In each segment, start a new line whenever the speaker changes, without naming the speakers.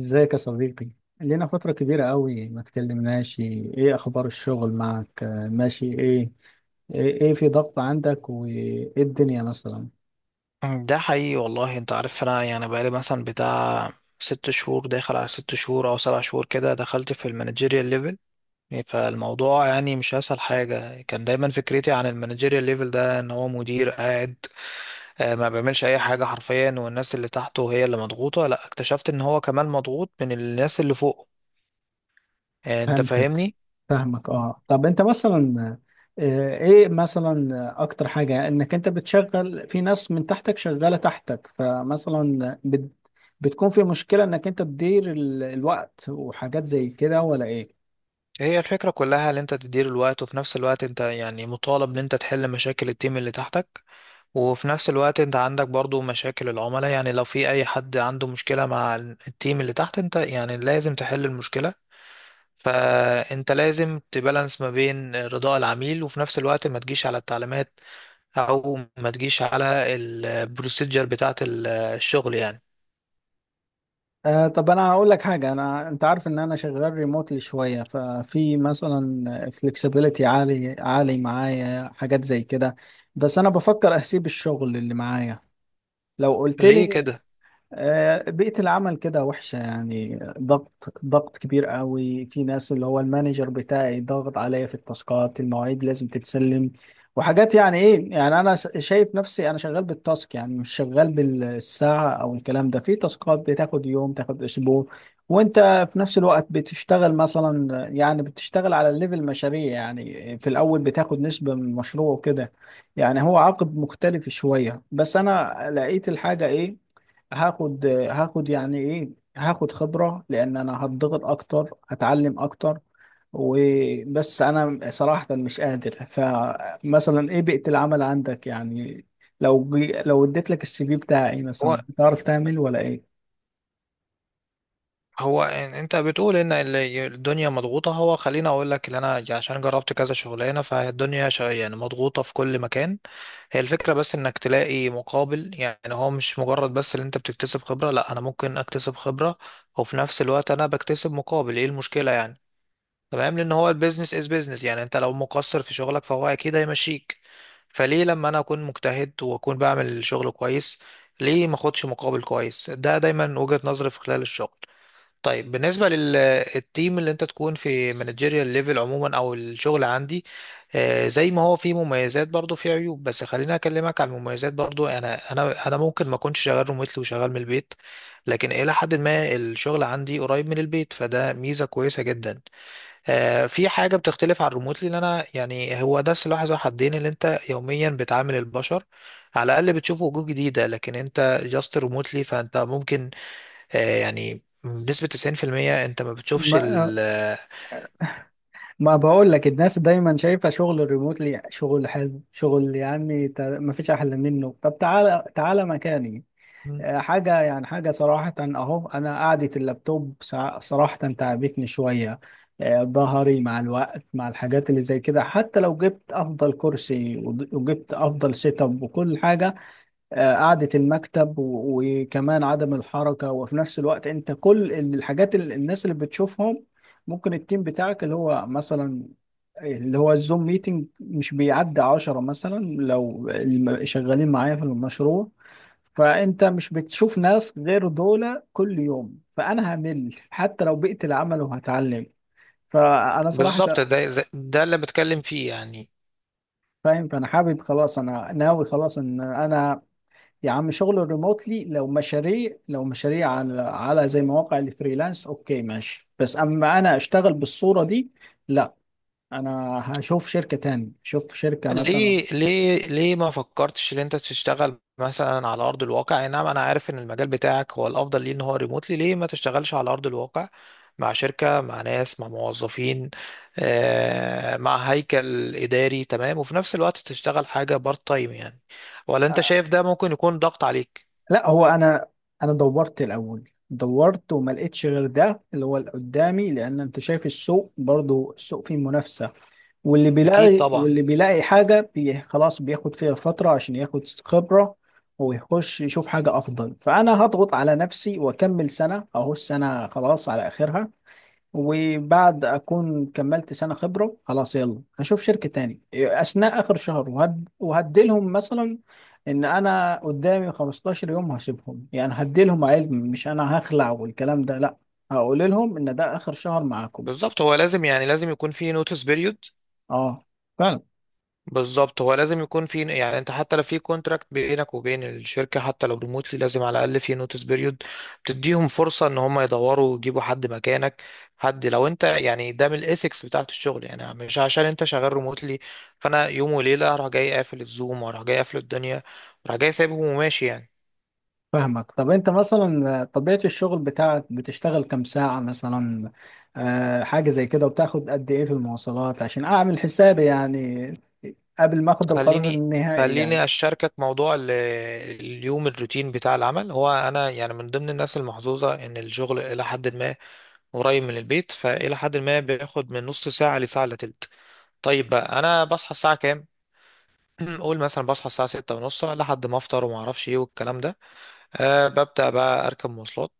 ازيك يا صديقي؟ لينا فترة كبيرة قوي ما تكلمناش. ايه اخبار الشغل معك؟ ماشي. ايه ايه في ضغط عندك وايه الدنيا مثلا؟
ده حقيقي والله. انت عارف انا يعني بقالي مثلا بتاع 6 شهور، داخل على 6 شهور او 7 شهور كده، دخلت في المانجيريال ليفل. يعني فالموضوع يعني مش اسهل حاجة. كان دايما فكرتي عن المانجيريال ليفل ده ان هو مدير قاعد، ما بيعملش اي حاجة حرفيا، والناس اللي تحته هي اللي مضغوطة. لا، اكتشفت ان هو كمان مضغوط من الناس اللي فوقه. انت
فهمتك،
فاهمني.
فاهمك اه. طب انت مثلا، ايه مثلا اكتر حاجة انك انت بتشغل في ناس من تحتك، شغالة تحتك، فمثلا بتكون في مشكلة انك انت تدير الوقت وحاجات زي كده ولا ايه؟
هي الفكرة كلها ان انت تدير الوقت، وفي نفس الوقت انت يعني مطالب ان انت تحل مشاكل التيم اللي تحتك، وفي نفس الوقت انت عندك برضو مشاكل العملاء. يعني لو في اي حد عنده مشكلة مع التيم اللي تحت، انت يعني لازم تحل المشكلة. فانت لازم تبالانس ما بين رضاء العميل وفي نفس الوقت ما تجيش على التعليمات، او ما تجيش على البروسيجر بتاعة الشغل يعني.
آه. طب انا هقول لك حاجه، انا انت عارف ان انا شغال ريموتلي شويه، ففي مثلا فلكسبيليتي عالي عالي معايا، حاجات زي كده. بس انا بفكر اسيب الشغل اللي معايا. لو قلت
ليه
لي،
كده؟
بيئة العمل كده وحشة يعني. ضغط كبير قوي، في ناس اللي هو المانجر بتاعي ضغط عليا في التاسكات، المواعيد لازم تتسلم وحاجات. يعني ايه يعني انا شايف نفسي انا شغال بالتاسك، يعني مش شغال بالساعة او الكلام ده. في تاسكات بتاخد يوم، تاخد اسبوع. وانت في نفس الوقت بتشتغل مثلا، يعني بتشتغل على الليفل مشاريع، يعني في الاول بتاخد نسبة من المشروع وكده. يعني هو عقد مختلف شوية. بس انا لقيت الحاجة ايه، هاخد يعني ايه، هاخد خبرة لان انا هتضغط اكتر، هتعلم اكتر. وبس انا صراحة مش قادر. فمثلا ايه بيئة العمل عندك يعني؟ لو لو اديت لك السي في بتاعي
هو
مثلا، تعرف تعمل ولا ايه؟
هو انت بتقول ان الدنيا مضغوطة. هو خليني اقول لك ان انا عشان جربت كذا شغلانة، فالدنيا يعني مضغوطة في كل مكان. هي الفكرة بس انك تلاقي مقابل. يعني هو مش مجرد بس ان انت بتكتسب خبرة، لا، انا ممكن اكتسب خبرة وفي نفس الوقت انا بكتسب مقابل. ايه المشكلة يعني؟ تمام، لان هو البيزنس از بيزنس. يعني انت لو مقصر في شغلك فهو اكيد هيمشيك. فليه لما انا اكون مجتهد واكون بعمل شغل كويس، ليه ما اخدش مقابل كويس؟ ده دايما وجهة نظري في خلال الشغل. طيب بالنسبة للتيم اللي انت تكون في مانجيريال ليفل عموما، او الشغل عندي، زي ما هو فيه مميزات برضو فيه عيوب. بس خليني اكلمك عن المميزات. برضو انا ممكن ما اكونش شغال ريموتلي وشغال من البيت، لكن الى حد ما الشغل عندي قريب من البيت، فده ميزة كويسة جدا. في حاجة بتختلف عن الريموتلي، ان انا يعني هو ده سلاح ذو حدين. اللي انت يوميا بتعامل البشر، على الاقل بتشوف وجوه جديدة. لكن انت جاست ريموتلي فانت ممكن يعني بنسبة 90% انت ما بتشوفش
ما
ال...
ما بقول لك، الناس دايما شايفة شغل الريموتلي شغل حلو، شغل يا عمي ما فيش احلى منه. طب تعالى تعالى مكاني. حاجة يعني، حاجة صراحة أهو، أنا قعدة اللابتوب صراحة تعبتني شوية. ظهري مع الوقت، مع الحاجات اللي زي كده، حتى لو جبت أفضل كرسي وجبت أفضل سيت أب وكل حاجة. قعدة المكتب وكمان عدم الحركة. وفي نفس الوقت أنت كل الحاجات اللي الناس اللي بتشوفهم، ممكن التيم بتاعك اللي هو مثلا، اللي هو الزوم ميتنج، مش بيعدي عشرة مثلا، لو شغالين معايا في المشروع، فانت مش بتشوف ناس غير دول كل يوم. فانا همل حتى لو بقيت العمل وهتعلم. فانا صراحه
بالظبط، ده ده اللي بتكلم فيه يعني.
فاهم. فانا حابب خلاص، انا ناوي خلاص ان انا، يا عم شغل ريموتلي لو مشاريع، لو مشاريع على زي مواقع الفريلانس، اوكي ماشي. بس اما انا اشتغل بالصوره دي، لا. انا هشوف شركه تاني، شوف شركه مثلا.
ليه ما فكرتش ان انت تشتغل مثلا على ارض الواقع؟ اي نعم انا عارف ان المجال بتاعك هو الافضل ليه ان هو ريموتلي، ليه ما تشتغلش على ارض الواقع مع شركة، مع ناس، مع موظفين، مع هيكل اداري؟ تمام، وفي نفس الوقت تشتغل حاجة بارت تايم يعني. ولا انت شايف ده ممكن يكون ضغط عليك؟
لا هو انا، دورت الاول، دورت وما لقيتش غير ده اللي هو اللي قدامي. لان انت شايف السوق برضو، السوق فيه منافسه. واللي
اكيد
بيلاقي
طبعا.
واللي بيلاقي حاجه بي خلاص بياخد فيها فتره عشان ياخد خبره ويخش يشوف حاجه افضل. فانا هضغط على نفسي واكمل سنه، اهو السنه خلاص على اخرها. وبعد اكون كملت سنه خبره، خلاص يلا هشوف شركه تاني. اثناء اخر شهر وهديلهم مثلا ان انا قدامي 15 يوم هسيبهم، يعني هديلهم علم، مش انا هخلع والكلام ده، لا. هقول لهم ان ده اخر شهر معاكم.
بالظبط، هو لازم يعني لازم يكون في نوتس بيريود.
اه فعلا.
بالظبط هو لازم يكون في، يعني انت حتى لو في كونتراكت بينك وبين الشركه، حتى لو ريموتلي، لازم على الاقل في نوتس بيريود بتديهم فرصه ان هم يدوروا ويجيبوا حد مكانك. حد لو انت، يعني ده من الاسكس بتاعت الشغل، يعني مش عشان انت شغال ريموتلي فانا يوم وليله اروح جاي قافل الزوم، واروح جاي قافل الدنيا، اروح جاي سايبهم وماشي يعني.
فاهمك. طب انت مثلا طبيعه الشغل بتاعك بتشتغل كام ساعه مثلا؟ آه حاجه زي كده. وبتاخد قد ايه في المواصلات، عشان اعمل حسابي يعني، قبل ما اخد القرار
خليني
النهائي يعني.
خليني اشاركك موضوع اليوم، الروتين بتاع العمل. هو انا يعني من ضمن الناس المحظوظه ان الشغل الى حد ما قريب من البيت، فالى حد ما بياخد من نص ساعه لساعه الا تلت. طيب بقى انا بصحى الساعه كام؟ قول مثلا بصحى الساعه 6:30، لحد ما افطر وما اعرفش ايه والكلام ده. أه، ببدأ بقى أركب مواصلات.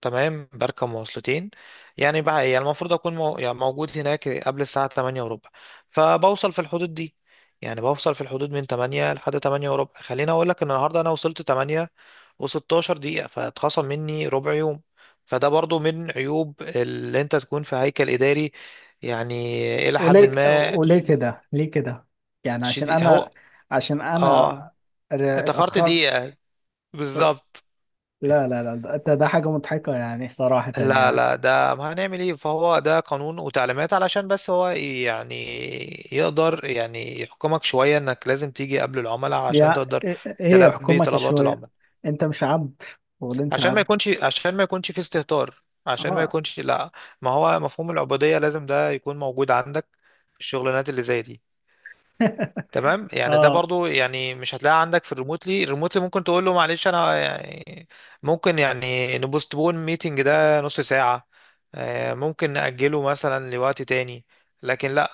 تمام بركب مواصلتين. يعني بقى إيه، يعني المفروض أكون مو... يعني موجود هناك قبل الساعة 8 وربع. فبوصل في الحدود دي، يعني بوصل في الحدود من 8 لحد 8 وربع. خليني أقول لك إن النهاردة أنا وصلت 8 و16 دقيقة، فاتخصم مني ربع يوم. فده برضو من عيوب اللي أنت تكون في هيكل إداري، يعني إلى حد
وليه
ما
وليه كده؟ ليه كده؟ يعني عشان
شديد. هو
انا، عشان انا
آه، اتأخرت
اتاخرت؟
دقيقة. بالظبط.
لا لا لا، ده حاجه مضحكه يعني صراحه
لا
يعني.
لا، ده ما هنعمل ايه؟ فهو ده قانون وتعليمات، علشان بس هو يعني يقدر يعني يحكمك شوية انك لازم تيجي قبل العملاء عشان
يا
تقدر
ايه إيه؟
تلبي
حكومك
طلبات
شويه؟
العملاء.
انت مش عبد، ولا انت
عشان ما
عبد؟
يكونش، في استهتار، عشان ما
اه.
يكونش لا ما هو مفهوم العبودية لازم ده يكون موجود عندك في الشغلانات اللي زي دي. تمام يعني، ده
اه
برضو يعني مش هتلاقيها عندك في الريموتلي. الريموتلي ممكن تقول له معلش انا يعني ممكن يعني نبوستبون ميتنج ده نص ساعة، ممكن نأجله مثلا لوقت تاني. لكن لا،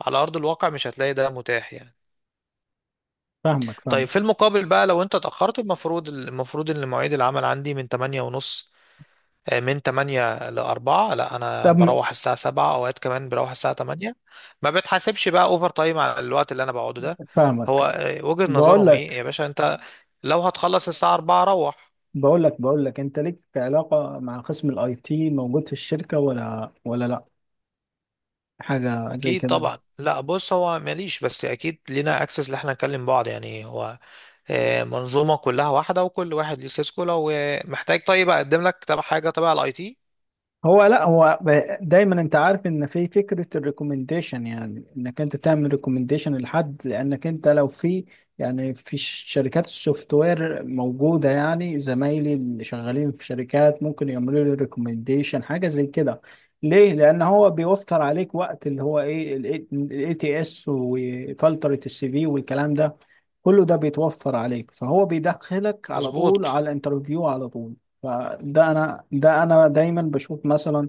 على أرض الواقع مش هتلاقي ده متاح يعني.
فاهمك
طيب
فاهمك.
في المقابل بقى، لو انت اتأخرت، المفروض ان مواعيد العمل عندي من 8:30، من 8 ل 4. لا انا
طب
بروح الساعه 7، اوقات كمان بروح الساعه 8. ما بتحاسبش بقى اوفر تايم على الوقت اللي انا بقعده ده. هو
فاهمك.
وجهة
بقول
نظرهم ايه
لك،
يا باشا؟ انت لو هتخلص الساعه 4 روح.
بقول لك انت ليك علاقه مع قسم الاي تي موجود في الشركه ولا لا، حاجه زي
اكيد
كده؟
طبعا. لا بص، هو ماليش، بس اكيد لينا اكسس اللي احنا نكلم بعض. يعني هو منظومه كلها واحده، وكل واحد ليه سيسكو. لو محتاج، طيب اقدم لك تبع حاجه تبع الاي تي.
هو لا هو دايما انت عارف ان في فكره الريكومنديشن، يعني انك انت تعمل ريكومنديشن لحد، لانك انت لو في يعني في شركات السوفت وير موجوده، يعني زمايلي اللي شغالين في شركات ممكن يعملوا لي ريكومنديشن، حاجه زي كده. ليه؟ لان هو بيوفر عليك وقت، اللي هو ايه، الاي تي اس وفلتره السي في والكلام ده، كله ده بيتوفر عليك، فهو بيدخلك على طول على
مظبوط.
الانترفيو على طول. فده انا دايما بشوف مثلا،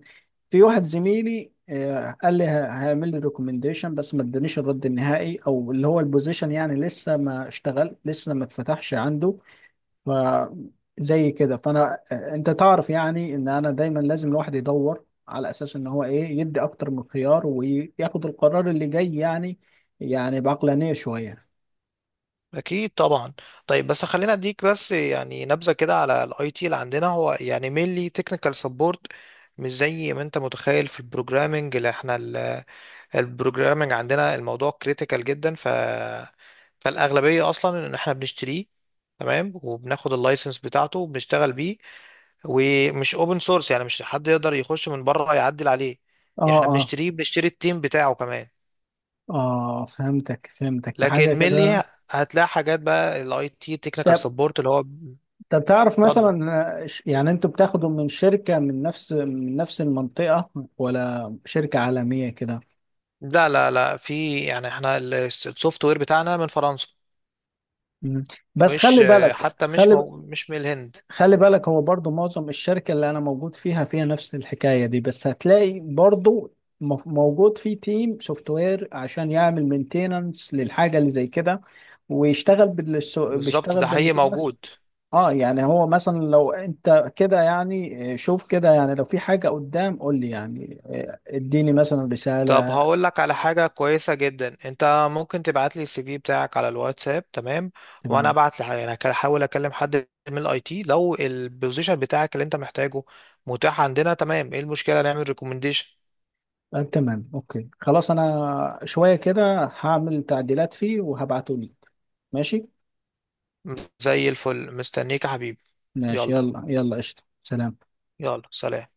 في واحد زميلي قال لي هيعمل لي ريكومنديشن، بس ما ادانيش الرد النهائي، او اللي هو البوزيشن يعني لسه ما اشتغل، لسه ما اتفتحش عنده. ف زي كده. فانا انت تعرف يعني، ان انا دايما لازم الواحد يدور على اساس ان هو ايه، يدي اكتر من خيار وياخد القرار اللي جاي يعني، يعني بعقلانية شوية.
اكيد طبعا. طيب بس خلينا اديك بس يعني نبذه كده على الاي تي اللي عندنا. هو يعني مينلي تكنيكال سبورت. مش زي ما انت متخيل في البروجرامنج اللي احنا... البروجرامنج عندنا الموضوع كريتيكال جدا، فالاغلبيه اصلا ان احنا بنشتريه. تمام، وبناخد اللايسنس بتاعته وبنشتغل بيه. ومش اوبن سورس، يعني مش حد يقدر يخش من بره يعدل عليه.
اه.
احنا
اه
بنشتريه، بنشتري التيم بتاعه كمان.
اه فهمتك فهمتك، ده
لكن
حاجة
مينلي
كده.
هتلاقي حاجات بقى الاي تي تكنيكال سبورت اللي هو...
طب تعرف
اتفضل.
مثلا، يعني انتوا بتاخدوا من شركة من نفس المنطقة ولا شركة عالمية كده؟
لا لا لا، في يعني احنا السوفت وير بتاعنا من فرنسا.
مم. بس
مش
خلي بالك،
حتى مش
خلي
مو مش من الهند.
خلي بالك، هو برضو معظم الشركة اللي انا موجود فيها فيها نفس الحكاية دي. بس هتلاقي برضو موجود في تيم سوفت وير عشان يعمل مينتيننس للحاجة اللي زي كده، ويشتغل
بالظبط،
بيشتغل
ده حقيقي
بالنظام نفسه.
موجود.
اه يعني هو مثلا لو انت كده يعني، شوف كده، يعني لو في حاجة قدام قول لي يعني، اديني مثلا
طب
رسالة.
هقول لك على حاجة كويسة جدا. انت ممكن تبعت لي السي في بتاعك على الواتساب، تمام، وانا
تمام.
ابعت لي يعني هحاول اكلم حد من الاي تي. لو البوزيشن بتاعك اللي انت محتاجه متاح عندنا، تمام، ايه المشكلة؟ نعمل ريكومنديشن.
آه تمام اوكي، خلاص انا شوية كده هعمل تعديلات فيه وهبعته لك. ماشي.
زي الفل مستنيك يا حبيبي.
ماشي
يلا
يلا يلا، قشطة، سلام.
يلا سلام.